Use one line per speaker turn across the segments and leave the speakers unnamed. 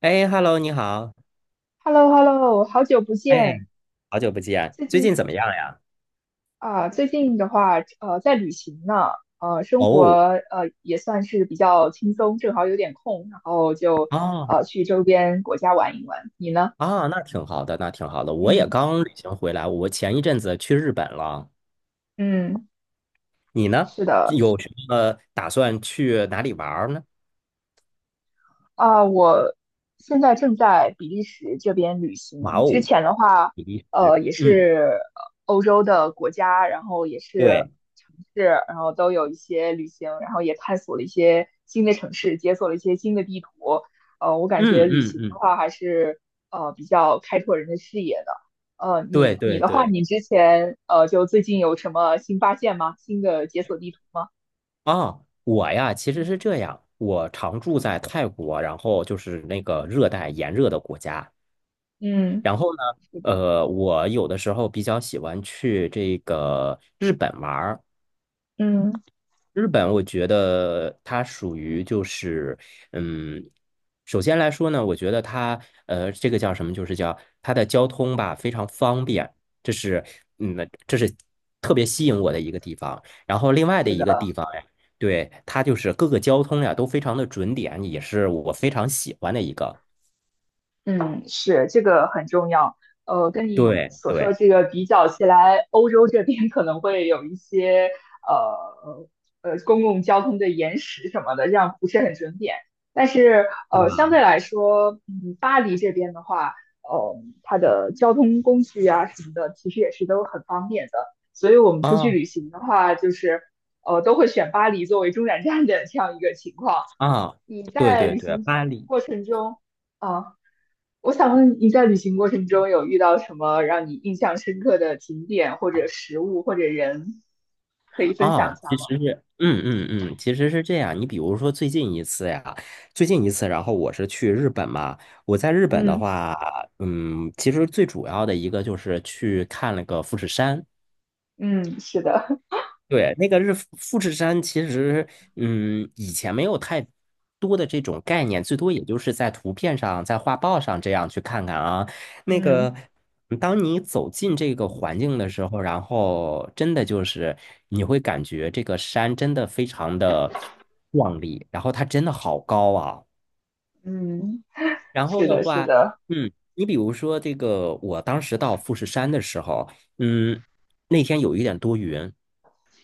哎，Hello，你好。
h e l l o h e l l o 好久不
哎，
见。
好久不见，
最
最
近
近怎么样呀？
最近的话，在旅行呢，生活
哦。
也算是比较轻松，正好有点空，然后就
哦。
去周边国家玩一玩。你呢？
啊，那挺好的，那挺好的。我也
嗯
刚旅行回来，我前一阵子去日本了。
嗯，
你呢？
是的，
有什么打算去哪里玩儿呢？
啊，我现在正在比利时这边旅
哇
行。之
哦，
前的话，
比利时，
也
嗯。
是欧洲的国家，然后也是
对。
城市，然后都有一些旅行，然后也探索了一些新的城市，解锁了一些新的地图。我感觉
嗯
旅
嗯
行的
嗯。
话还是比较开拓人的视野的。
对
你
对
的话，
对。
你之前就最近有什么新发现吗？新的解锁地图吗？
啊，我呀，其实是这样，我常住在泰国，然后就是那个热带炎热的国家。
嗯
然后呢，我有的时候比较喜欢去这个日本玩儿。
嗯，
日本，我觉得它属于就是，嗯，首先来说呢，我觉得它，这个叫什么？就是叫它的交通吧，非常方便。这是，嗯，这是特别吸引我的一个地方。然后另外的
是
一
的。
个地方呀，对，它就是各个交通呀都非常的准点，也是我非常喜欢的一个。
嗯，是，这个很重要。跟你
对
所说的
对，
这个比较起来，欧洲这边可能会有一些呃公共交通的延时什么的，这样不是很准点。但是
是
相
吧？
对来说，巴黎这边的话，呃，它的交通工具啊什么的，其实也是都很方便的。所以我们出去
啊。
旅行的话，就是都会选巴黎作为中转站的这样一个情况。
啊，
你
对
在
对
旅
对，
行
巴黎
过程中，啊、我想问你在旅行过程中有遇到什么让你印象深刻的景点或者食物或者人，可以分享一
啊，
下
其
吗？
实是，嗯
嗯
嗯嗯，其实是这样。你比如说最近一次呀，最近一次，然后我是去日本嘛。我在日本的
嗯
话，嗯，其实最主要的一个就是去看了个富士山。
嗯，是的，
对，那个富士山，其实以前没有太多的这种概念，最多也就是在图片上、在画报上这样去看看啊。那个，
嗯
当你走进这个环境的时候，然后真的就是你会感觉这个山真的非常的壮丽，然后它真的好高啊。
嗯，
然后
是
的
的，是
话，
的，
嗯，你比如说这个，我当时到富士山的时候，嗯，那天有一点多云。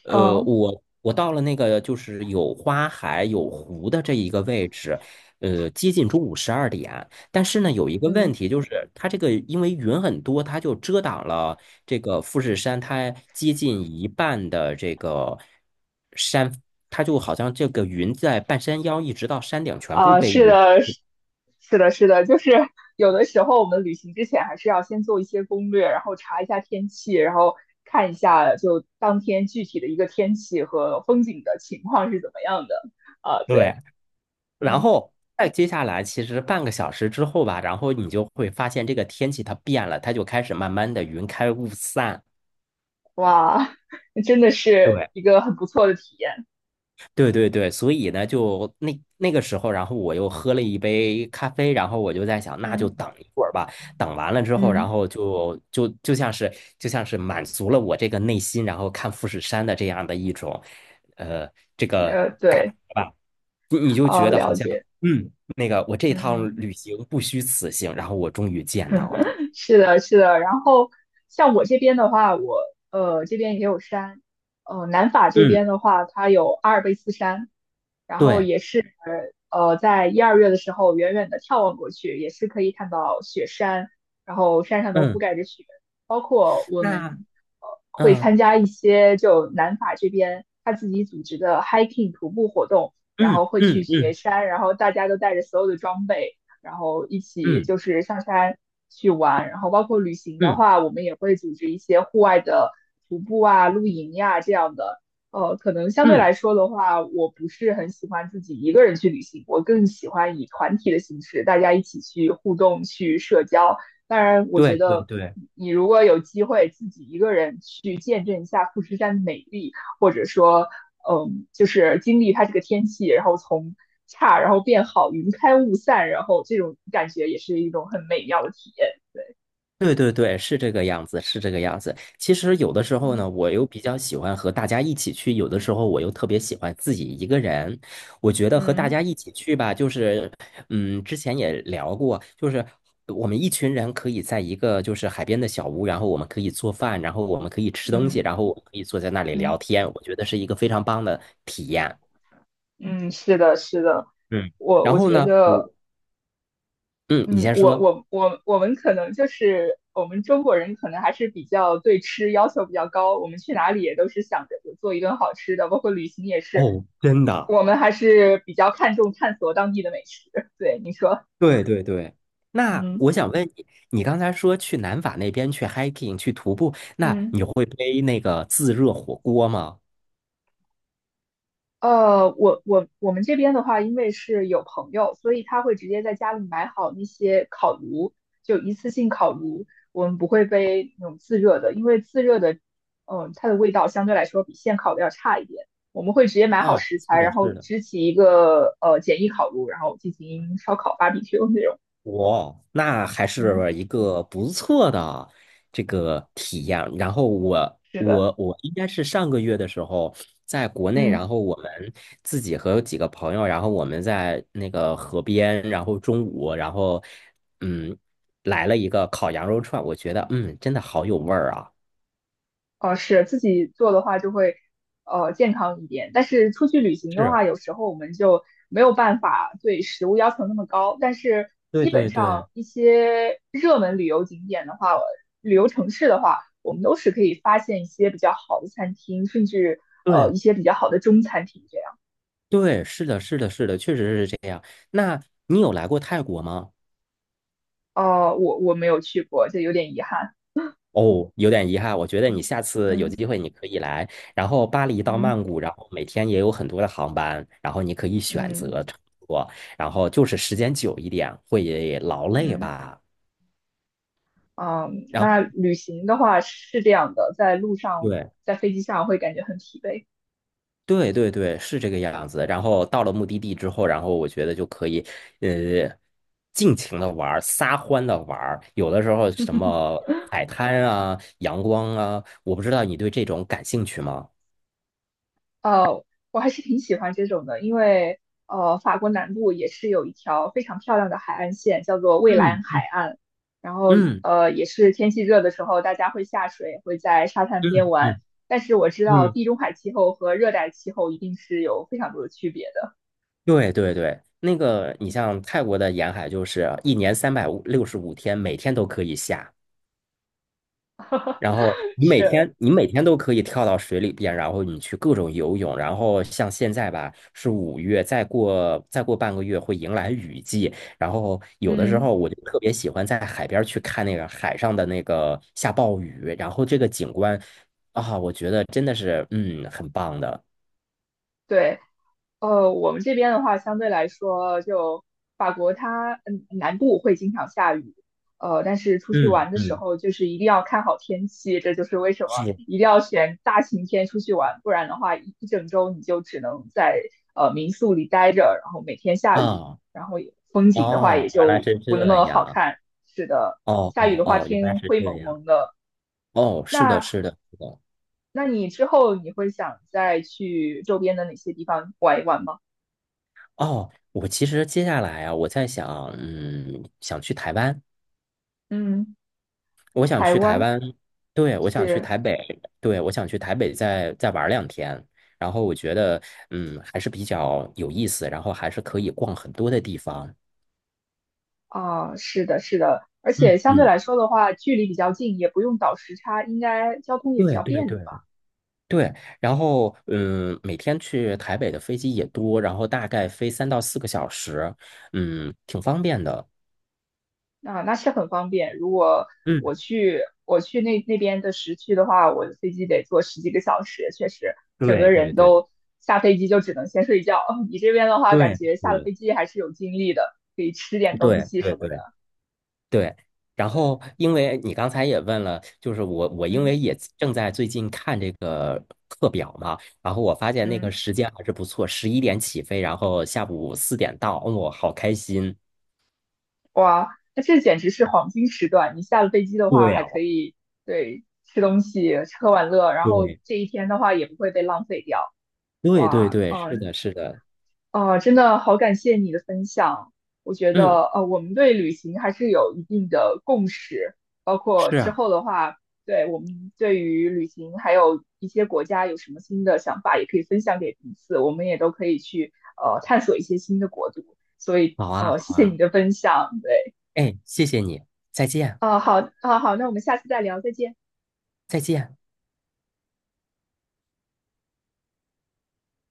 嗯
我到了那个就是有花海、有湖的这一个位置，接近中午12点。但是呢，有一个问
嗯
题就是，它这个因为云很多，它就遮挡了这个富士山，它接近一半的这个山，它就好像这个云在半山腰一直到山顶全部
啊，
被
是
云。
的，是的，是的，就是有的时候我们旅行之前还是要先做一些攻略，然后查一下天气，然后看一下就当天具体的一个天气和风景的情况是怎么样的啊，
对，
对，
然
嗯。
后再接下来，其实半个小时之后吧，然后你就会发现这个天气它变了，它就开始慢慢的云开雾散。
哇，真的是
对。
一个很不错的体验。
对对对，所以呢，就那个时候，然后我又喝了一杯咖啡，然后我就在想，那就
嗯
等一会儿吧。等完了之后，然
嗯，
后就像是满足了我这个内心，然后看富士山的这样的一种，呃，这个感觉
对，
吧。你就觉
哦，
得好
了
像，
解。
嗯，那个我这趟
嗯，
旅行不虚此行，然后我终于见到了。
是的，是的。然后像我这边的话，我这边也有山，南法这
嗯。
边的话，它有阿尔卑斯山，然后
对。
也是在一二月的时候，远远的眺望过去，也是可以看到雪山，然后山上都覆
嗯。
盖着雪，包括我
那
们会
嗯
参加一些就南法这边他自己组织的 hiking 徒步活动，然
嗯
后会
嗯
去雪
嗯
山，然后大家都带着所有的装备，然后一起
嗯
就是上山去玩，然后包括旅行的
嗯
话，我们也会组织一些户外的徒步啊、露营呀、这样的。可能相对
嗯。
来说的话，我不是很喜欢自己一个人去旅行，我更喜欢以团体的形式，大家一起去互动、去社交。当然，我
对
觉
对
得
对。
你如果有机会自己一个人去见证一下富士山的美丽，或者说，嗯，就是经历它这个天气，然后从差然后变好，云开雾散，然后这种感觉也是一种很美妙的体验。
对对对，是这个样子，是这个样子。其实有的时候
嗯
呢，我又比较喜欢和大家一起去，有的时候我又特别喜欢自己一个人。我觉得和大
嗯
家一起去吧，就是，嗯，之前也聊过，就是我们一群人可以在一个就是海边的小屋，然后我们可以做饭，然后我们可以吃东西，
嗯
然后我们可以坐在那里
嗯
聊天，我觉得是一个非常棒的体验。
嗯，是的，是的，
嗯，
我
然
我
后
觉
呢，
得。
我，嗯，你
嗯，
先
我
说。
我我我们可能就是我们中国人可能还是比较对吃要求比较高，我们去哪里也都是想着就做一顿好吃的，包括旅行也是，
哦，真的。
我们还是比较看重探索当地的美食。对，你说，
对对对，那
嗯
我想问你，你刚才说去南法那边去 hiking 去徒步，那
嗯。
你会背那个自热火锅吗？
我们这边的话，因为是有朋友，所以他会直接在家里买好那些烤炉，就一次性烤炉。我们不会背那种自热的，因为自热的，它的味道相对来说比现烤的要差一点。我们会直接买好
啊，
食
是
材，
的，
然后
是的。
支起一个简易烤炉，然后进行烧烤 barbecue 那种。
哇，那还
嗯，
是一个不错的这个体验。然后我
是的，
我我应该是上个月的时候在国内，然
嗯。
后我们自己和几个朋友，然后我们在那个河边，然后中午，然后嗯来了一个烤羊肉串，我觉得真的好有味儿啊。
哦，是自己做的话就会健康一点，但是出去旅行的
是。
话，有时候我们就没有办法对食物要求那么高。但是
对
基本
对对
上一些热门旅游景点的话，旅游城市的话，我们都是可以发现一些比较好的餐厅，甚至
对
一些比较好的中餐厅这样。
对，是的，是的，是的，确实是这样。那你有来过泰国吗？
哦，我我没有去过，这有点遗憾。
哦，有点遗憾，我觉得你下次有
嗯嗯
机会你可以来。然后巴黎到曼
嗯
谷，然后每天也有很多的航班，然后你可以选
嗯。
择乘坐，然后就是时间久一点会劳累
嗯
吧。
嗯，
然后
那旅行的话是这样的，在路上，
对。
在飞机上会感觉很疲惫。
对对对，是这个样子。然后到了目的地之后，然后我觉得就可以，呃，尽情的玩儿，撒欢的玩儿。有的时候什么海滩啊、阳光啊，我不知道你对这种感兴趣吗？
呃，我还是挺喜欢这种的，因为法国南部也是有一条非常漂亮的海岸线，叫做蔚蓝
嗯
海岸。然后
嗯
也是天气热的时候，大家会下水，会在沙滩边
嗯
玩。
嗯
但是我知道
嗯。
地中海气候和热带气候一定是有非常多的区别的。
对对对，那个你像泰国的沿海，就是一年365天，每天都可以下。然后 你每
是，
天你每天都可以跳到水里边，然后你去各种游泳，然后像现在吧是5月，再过半个月会迎来雨季，然后有的时
嗯，
候我就特别喜欢在海边去看那个海上的那个下暴雨，然后这个景观啊，我觉得真的是很棒的。
对。我们这边的话，相对来说，就法国它南部会经常下雨，但是出去
嗯
玩的时
嗯
候，就是一定要看好天气，这就是为什么
是
一定要选大晴天出去玩，不然的话一整周你就只能在民宿里待着，然后每天下雨，
啊。
然后也风景的话
哦，
也
原来
就
是
不那
这
么好
样。
看。是的，
哦
下雨
哦
的话
哦，原来
天
是
灰
这
蒙
样。
蒙的。
哦是的
那
是的是的。
你之后你会想再去周边的哪些地方玩一玩吗？
哦，我其实接下来啊，我在想，嗯，想去台湾。
嗯。
我想
台
去台
湾
湾。对，我想去
是
台北。对，我想去台北再玩2天。然后我觉得，嗯，还是比较有意思，然后还是可以逛很多的地方。
啊，是的，是的，而
嗯
且相对
嗯。
来说的话，距离比较近，也不用倒时差，应该交通也比
对
较
对
便
对
利吧？
对。然后，嗯，每天去台北的飞机也多，然后大概飞3到4个小时，嗯，挺方便的。
那那是很方便。如果
嗯。
我去那边的时区的话，我的飞机得坐十几个小时，确实整
对
个
对
人
对
都下飞机就只能先睡觉。你这边的话，感
对
觉下了
对
飞机还是有精力的，可以吃点东
对
西
对
什么
对。
的。
对，然
对，
后因为你刚才也问了，就是我因为
嗯
也正在最近看这个课表嘛，然后我发现那个
嗯。
时间还是不错，11点起飞，然后下午4点到，哦，好开心。
哇，那这简直是黄金时段！你下了飞机的话，
对
还可
哦。
以对吃东西、吃喝玩乐，然后
对。
这一天的话也不会被浪费掉。
对对
哇，
对，是
嗯，
的，是的。
啊，真的好感谢你的分享。我觉
嗯，
得，我们对旅行还是有一定的共识，包括
是
之
啊。
后的话，对我们对于旅行还有一些国家有什么新的想法，也可以分享给彼此，我们也都可以去探索一些新的国度。所以，
好啊，
谢
好
谢
啊。
你的分享，对。
哎，谢谢你。再见。
哦，好，哦，好，那我们下次再聊，再见。
再见。